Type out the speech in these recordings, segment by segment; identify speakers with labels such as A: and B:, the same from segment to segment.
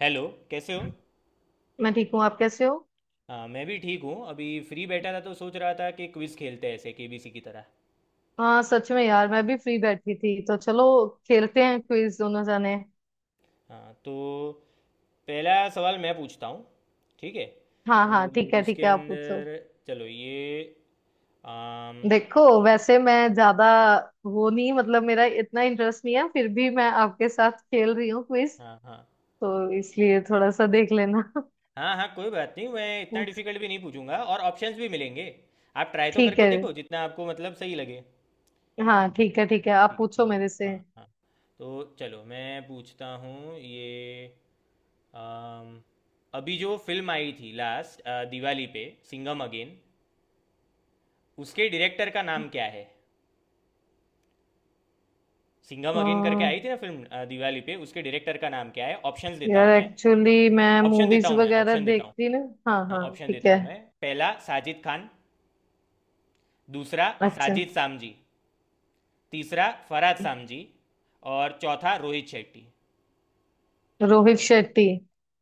A: Hello. कैसे हो?
B: मैं ठीक हूँ। आप कैसे हो?
A: हाँ, मैं भी ठीक हूँ। अभी फ्री बैठा था तो सोच रहा था कि क्विज़ खेलते हैं, ऐसे केबीसी की तरह।
B: हाँ, सच में यार। मैं भी फ्री बैठी थी तो चलो खेलते हैं क्विज दोनों जाने।
A: हाँ, तो पहला सवाल मैं पूछता हूँ, ठीक है?
B: हाँ
A: तो
B: हाँ, ठीक है ठीक
A: उसके
B: है, आप पूछो।
A: अंदर, चलो ये आम।
B: देखो, वैसे मैं ज्यादा वो नहीं, मतलब मेरा इतना इंटरेस्ट नहीं है, फिर भी मैं आपके साथ खेल रही हूँ क्विज
A: हाँ, हाँ।
B: तो इसलिए थोड़ा सा देख लेना।
A: हाँ, हाँ, कोई बात नहीं। मैं इतना
B: पूछ-
A: डिफिकल्ट भी नहीं पूछूंगा और ऑप्शंस भी मिलेंगे। आप ट्राई तो
B: ठीक
A: करके
B: है।
A: देखो, जितना आपको मतलब सही लगे।
B: हाँ, ठीक है ठीक है, आप
A: ठीक है,
B: पूछो
A: तो
B: मेरे से।
A: हाँ, हाँ, तो चलो मैं पूछता हूँ ये। अम, अभी जो फिल्म आई थी, लास्ट दिवाली पे, सिंघम अगेन, उसके डायरेक्टर का नाम क्या है? सिंघम अगेन करके
B: अम्म,
A: आई थी ना फिल्म, दिवाली पे, उसके डायरेक्टर का नाम क्या है? ऑप्शंस देता
B: यार,
A: हूँ मैं।
B: एक्चुअली मैं
A: ऑप्शन देता
B: मूवीज
A: हूँ मैं,
B: वगैरह
A: ऑप्शन देता हूँ।
B: देखती ना। हाँ
A: हाँ,
B: हाँ,
A: ऑप्शन
B: ठीक
A: देता
B: है।
A: हूँ मैं। पहला साजिद खान, दूसरा
B: अच्छा।
A: साजिद सामजी, तीसरा फरहाद सामजी, और चौथा रोहित शेट्टी।
B: रोहित शेट्टी।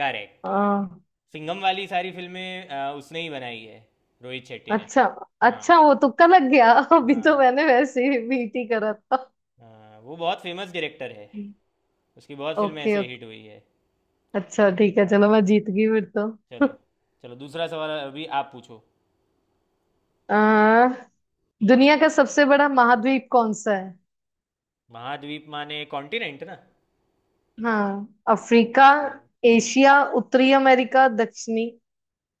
A: करेक्ट। सिंघम वाली सारी फिल्में उसने ही बनाई है, रोहित शेट्टी ने।
B: अच्छा,
A: हाँ।
B: अच्छा वो तुक्का लग गया। अभी तो
A: हाँ,
B: मैंने वैसे ही बीटी करा था।
A: हाँ, वो बहुत फेमस डायरेक्टर है। उसकी बहुत फिल्में
B: ओके
A: ऐसे
B: ओके।
A: हिट हुई है।
B: अच्छा, ठीक है,
A: हाँ,
B: चलो मैं
A: हाँ,
B: जीत गई फिर तो।
A: चलो। चलो दूसरा सवाल अभी आप पूछो।
B: आ, दुनिया का सबसे बड़ा महाद्वीप कौन सा है?
A: महाद्वीप माने कॉन्टिनेंट ना?
B: हाँ, अफ्रीका।
A: हम्म।
B: एशिया, उत्तरी अमेरिका, दक्षिणी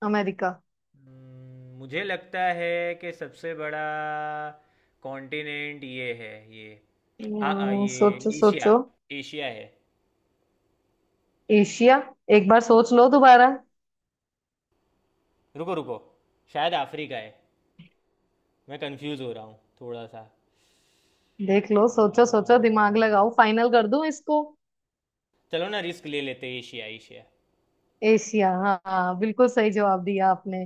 B: अमेरिका।
A: मुझे लगता है कि सबसे बड़ा कॉन्टिनेंट ये है, ये आ, आ ये
B: सोचो
A: एशिया,
B: सोचो।
A: एशिया है।
B: एशिया। एक बार सोच लो दोबारा।
A: रुको, रुको, शायद अफ्रीका है। मैं कंफ्यूज हो रहा हूँ थोड़ा सा।
B: देख लो, सोचो सोचो,
A: अ,
B: दिमाग लगाओ, फाइनल कर दूं इसको।
A: चलो ना, रिस्क ले लेते हैं, एशिया, एशिया।
B: एशिया, हाँ हाँ, बिल्कुल सही जवाब दिया आपने।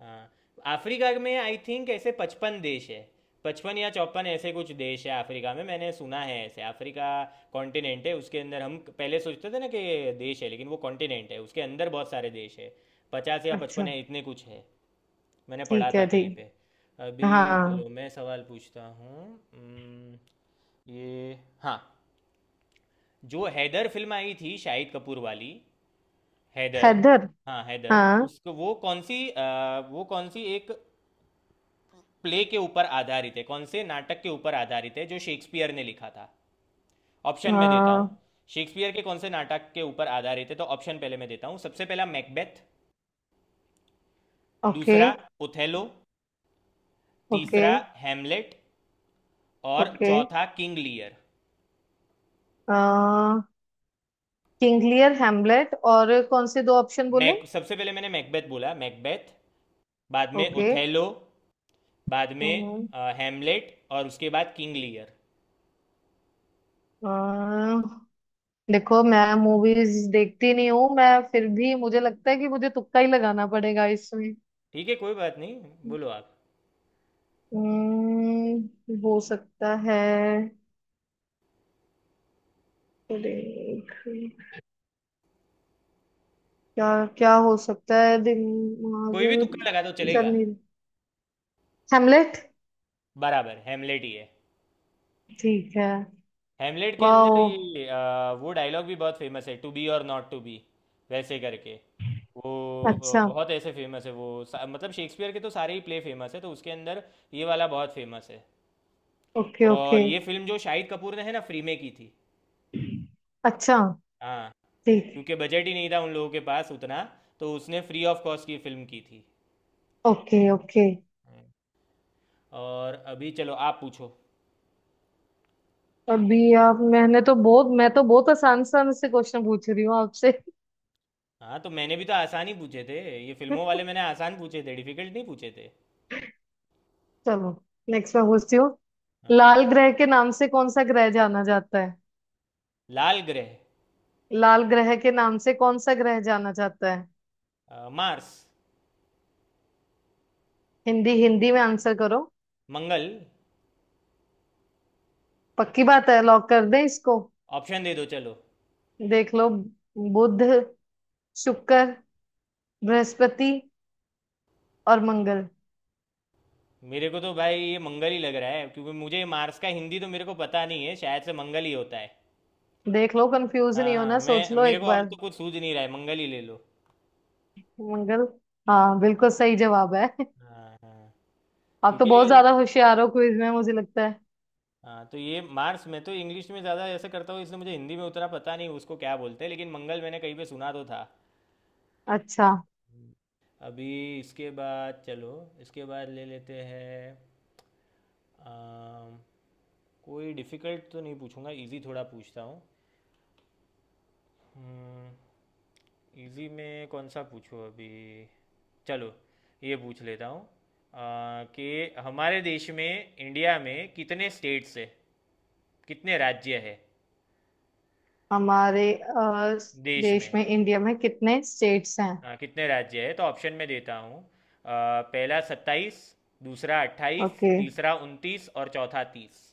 A: हाँ, अफ्रीका में आई थिंक ऐसे पचपन देश है। पचपन या चौपन, ऐसे कुछ देश है अफ्रीका में, मैंने सुना है ऐसे। अफ्रीका कॉन्टिनेंट है, उसके अंदर हम पहले सोचते थे ना कि देश है, लेकिन वो कॉन्टिनेंट है। उसके अंदर बहुत सारे देश है, पचास या
B: अच्छा,
A: पचपन है, इतने कुछ है। मैंने पढ़ा
B: ठीक
A: था
B: है
A: कहीं
B: ठीक।
A: पे। अभी
B: हाँ,
A: चलो मैं सवाल पूछता हूँ। उम्म, ये, हाँ, जो हैदर फिल्म आई थी, शाहिद कपूर वाली, हैदर।
B: हैदर।
A: हाँ, हैदर,
B: हाँ।
A: उसको वो कौन सी वो कौन सी एक प्ले के ऊपर आधारित है, कौन से नाटक के ऊपर आधारित है जो शेक्सपियर ने लिखा था? ऑप्शन में देता हूँ।
B: आ,
A: शेक्सपियर के कौन से नाटक के ऊपर आधारित है, तो ऑप्शन पहले मैं देता हूँ। सबसे पहला मैकबेथ,
B: ओके
A: दूसरा ओथेलो,
B: ओके।
A: तीसरा हैमलेट, और
B: ओके।
A: चौथा King Lear.
B: King Lear, Hamlet और कौन से दो ऑप्शन बोले?
A: मैक सबसे पहले मैंने मैकबेथ बोला, मैकबेथ। बाद में
B: ओके।
A: ओथेलो, बाद में
B: हम्म,
A: हैमलेट, और उसके बाद किंग लियर।
B: अ, देखो, मैं मूवीज देखती नहीं हूँ, मैं फिर भी मुझे लगता है कि मुझे तुक्का ही लगाना पड़ेगा इसमें।
A: ठीक है, कोई बात नहीं। बोलो आप,
B: हो सकता है। देख। क्या क्या हो सकता है, दिमाग।
A: कोई भी तुक्का लगा दो,
B: चल
A: चलेगा।
B: नहीं। हेमलेट।
A: बराबर, हेमलेट ही है।
B: ठीक है।
A: हेमलेट के
B: वाओ।
A: अंदर ये वो डायलॉग भी बहुत फेमस है, टू बी और नॉट टू बी, वैसे करके। वो
B: अच्छा।
A: बहुत ऐसे फेमस है। वो मतलब शेक्सपियर के तो सारे ही प्ले फेमस है, तो उसके अंदर ये वाला बहुत फेमस है।
B: ओके
A: और
B: ओके।
A: ये फिल्म जो शाहिद कपूर ने है ना, फ्री में की थी।
B: अच्छा,
A: हाँ,
B: ठीक।
A: क्योंकि बजट ही नहीं था उन लोगों के पास उतना, तो उसने फ्री ऑफ कॉस्ट की फिल्म की थी।
B: Okay okay.
A: हम्म। और अभी चलो, आप पूछो।
B: अभी आप, मैं तो बहुत आसान आसान से क्वेश्चन पूछ रही हूँ आपसे।
A: हाँ, तो मैंने भी तो आसान ही पूछे थे। ये फिल्मों वाले मैंने आसान पूछे थे, डिफिकल्ट नहीं पूछे थे।
B: चलो। नेक्स्ट मैं पूछती हूँ।
A: हाँ।
B: लाल ग्रह के नाम से कौन सा ग्रह जाना जाता है?
A: लाल ग्रह?
B: लाल ग्रह के नाम से कौन सा ग्रह जाना जाता है?
A: मार्स,
B: हिंदी हिंदी में आंसर करो।
A: मंगल।
B: पक्की बात है? लॉक कर दें इसको?
A: ऑप्शन दे दो चलो।
B: देख लो। बुध, शुक्र, बृहस्पति और मंगल।
A: मेरे को तो भाई ये मंगल ही लग रहा है, क्योंकि मुझे मार्स का हिंदी तो मेरे को पता नहीं है, शायद से मंगल ही होता है।
B: देख लो, कंफ्यूज
A: हाँ,
B: नहीं
A: हाँ,
B: होना, सोच
A: मैं
B: लो
A: मेरे
B: एक
A: को और
B: बार।
A: तो कुछ सूझ नहीं रहा है, मंगल ही ले लो।
B: मंगल। हाँ, बिल्कुल सही जवाब है।
A: हाँ, हाँ,
B: आप तो
A: क्योंकि
B: बहुत ज्यादा होशियार हो क्विज में, मुझे लगता है।
A: हाँ, तो ये मार्स मैं तो इंग्लिश में ज़्यादा ऐसे करता हूँ, इसलिए मुझे हिंदी में उतना पता नहीं उसको क्या बोलते हैं, लेकिन मंगल मैंने कहीं पे सुना तो था।
B: अच्छा।
A: अभी इसके बाद, चलो, इसके बाद ले लेते हैं। अम, कोई डिफ़िकल्ट तो नहीं पूछूंगा, इजी थोड़ा पूछता हूँ। इजी में कौन सा पूछूँ अभी? चलो ये पूछ लेता हूँ, कि हमारे देश में, इंडिया में, कितने स्टेट्स है? कितने राज्य है
B: हमारे
A: देश
B: देश
A: में?
B: में, इंडिया में कितने स्टेट्स हैं?
A: हाँ, कितने राज्य है। तो ऑप्शन में देता हूँ। पहला सत्ताईस, दूसरा अट्ठाईस,
B: ओके।
A: तीसरा उनतीस, और चौथा तीस।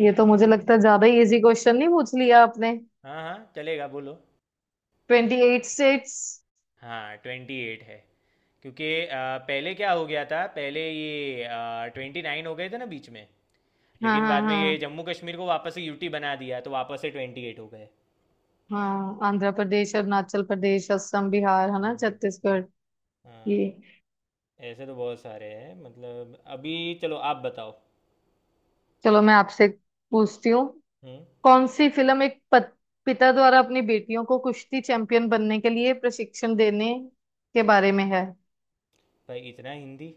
B: ये तो मुझे लगता है ज्यादा ही इजी क्वेश्चन नहीं पूछ लिया आपने।
A: हाँ, हाँ, चलेगा, बोलो।
B: 28 स्टेट्स।
A: हाँ, ट्वेंटी एट है, क्योंकि पहले क्या हो गया था, पहले ये ट्वेंटी नाइन हो गए थे ना बीच में।
B: हाँ
A: लेकिन
B: हाँ
A: बाद में ये
B: हाँ।
A: जम्मू कश्मीर को वापस से यूटी बना दिया, तो वापस से ट्वेंटी एट हो गए।
B: हाँ, आंध्र प्रदेश, अरुणाचल प्रदेश, असम, बिहार है
A: हाँ,
B: ना,
A: हाँ,
B: छत्तीसगढ़।
A: हाँ,
B: ये।
A: ऐसे तो बहुत सारे हैं, मतलब। अभी चलो, आप बताओ।
B: चलो, मैं आपसे पूछती हूँ।
A: हम्म।
B: कौन सी फिल्म एक पिता द्वारा अपनी बेटियों को कुश्ती चैंपियन बनने के लिए प्रशिक्षण देने के बारे में है?
A: भाई, इतना हिंदी,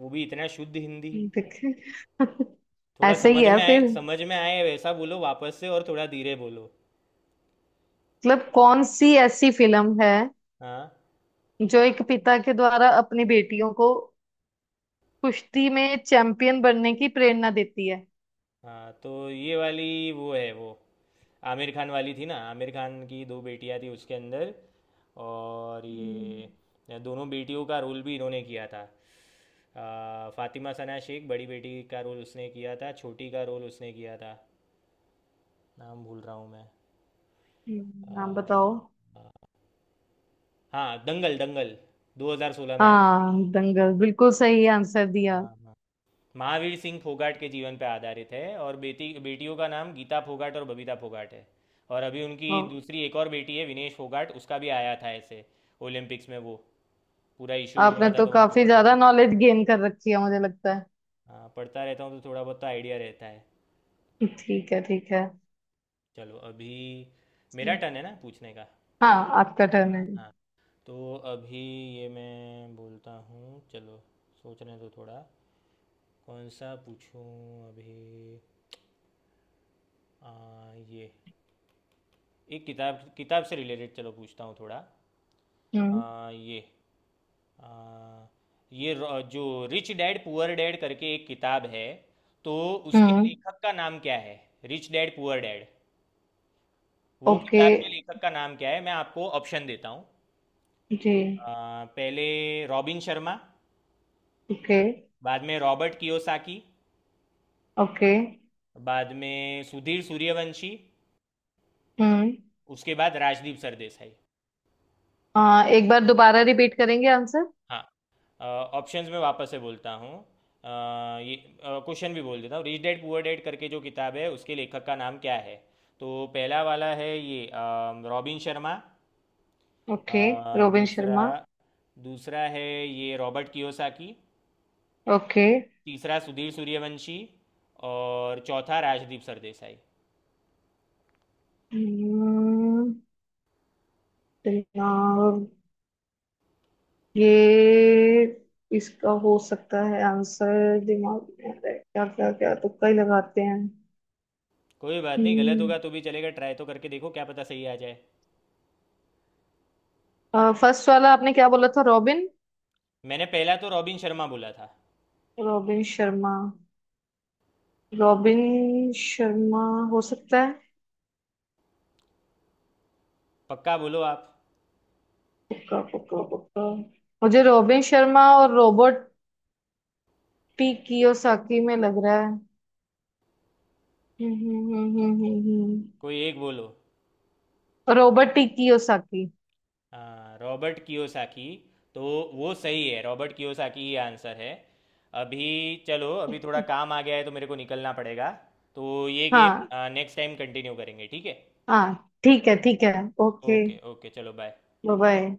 A: वो भी इतना शुद्ध हिंदी!
B: देख।
A: थोड़ा
B: ऐसे
A: समझ
B: ही है
A: में आए,
B: फिर।
A: समझ में आए वैसा बोलो वापस से, और थोड़ा धीरे बोलो।
B: मतलब कौन सी ऐसी फिल्म है
A: हाँ।
B: जो एक पिता के द्वारा अपनी बेटियों को कुश्ती में चैंपियन बनने की प्रेरणा देती है?
A: हाँ, तो ये वाली वो है, वो आमिर खान वाली थी ना, आमिर खान की दो बेटियां थी उसके अंदर। और
B: हम्म।
A: ये दोनों बेटियों का रोल भी इन्होंने किया था। फातिमा सना शेख बड़ी बेटी का रोल उसने किया था, छोटी का रोल उसने किया था। नाम भूल रहा हूँ मैं। अ,
B: नाम बताओ।
A: हाँ, दंगल, दंगल। 2016 में आई थी।
B: हाँ, दंगल, बिल्कुल सही आंसर दिया।
A: हाँ, हाँ। महावीर सिंह फोगाट के जीवन पर आधारित है, और बेटी बेटियों का नाम गीता फोगाट और बबीता फोगाट है। और अभी
B: ओ,
A: उनकी दूसरी एक और बेटी है विनेश फोगाट, उसका भी आया था ऐसे ओलंपिक्स में, वो पूरा इशू
B: आपने
A: हुआ था,
B: तो
A: तो वहाँ पे
B: काफी
A: पढ़ा
B: ज्यादा
A: था।
B: नॉलेज गेन कर रखी है, मुझे लगता है।
A: हाँ, पढ़ता रहता हूँ तो थोड़ा बहुत तो आइडिया रहता है।
B: ठीक है ठीक।
A: चलो, अभी
B: है।
A: मेरा टर्न है ना पूछने का।
B: हाँ। आपका टर्न
A: हाँ,
B: है।
A: हाँ, तो अभी ये मैं बोलता हूँ। चलो, सोचने दो थोड़ा, कौन सा पूछूं अभी। आ, ये एक किताब, किताब से रिलेटेड चलो पूछता हूँ थोड़ा।
B: हम्म,
A: ये आ, ये जो रिच डैड पुअर डैड करके एक किताब है, तो उसके
B: हम्म।
A: लेखक का नाम क्या है? रिच डैड पुअर डैड, वो
B: ओके।
A: किताब के लेखक का नाम क्या है? मैं आपको ऑप्शन देता हूँ।
B: जी।
A: पहले रॉबिन शर्मा,
B: ओके।
A: बाद में रॉबर्ट कियोसाकी,
B: ओके।
A: बाद में सुधीर सूर्यवंशी,
B: हम्म
A: उसके बाद राजदीप सरदेसाई।
B: एक बार दोबारा रिपीट करेंगे आंसर?
A: हाँ, ऑप्शंस में वापस से बोलता हूँ। ये क्वेश्चन भी बोल देता हूँ। रिच डैड पुअर डैड करके जो किताब है, उसके लेखक का नाम क्या है? तो पहला वाला है ये रॉबिन शर्मा।
B: ओके। रोबिन
A: दूसरा
B: शर्मा।
A: दूसरा है ये रॉबर्ट कियोसाकी।
B: ओके।
A: तीसरा सुधीर सूर्यवंशी, और चौथा राजदीप सरदेसाई।
B: हम्म। दिमाग। ये, इसका हो सकता है आंसर, दिमाग में आ रहा है। क्या क्या क्या, तुक्का ही लगाते हैं।
A: कोई बात नहीं, गलत
B: हम्म।
A: होगा तो भी चलेगा, ट्राई तो करके देखो, क्या पता सही आ जाए।
B: फर्स्ट वाला आपने क्या बोला था? रॉबिन?
A: मैंने पहला तो रॉबिन शर्मा बोला था।
B: रॉबिन शर्मा। रॉबिन शर्मा। हो सकता है।
A: पक्का बोलो आप,
B: पक्का पक्का पक्का। मुझे रोबिन शर्मा और रॉबर्ट टी कियोसाकी में लग रहा है। हम्म हम्म हम्म हम्म हम्म, हम्म।
A: कोई एक बोलो।
B: Robert T Kiyosaki.
A: हाँ, रॉबर्ट कियोसाकी, तो वो सही है, रॉबर्ट कियोसाकी ही आंसर है। अभी चलो, अभी थोड़ा काम आ गया है तो मेरे को निकलना पड़ेगा। तो ये गेम
B: हाँ।
A: नेक्स्ट टाइम कंटिन्यू करेंगे, ठीक है?
B: हाँ ठीक है ठीक है। ओके।
A: ओके, ओके, चलो बाय।
B: Bye bye.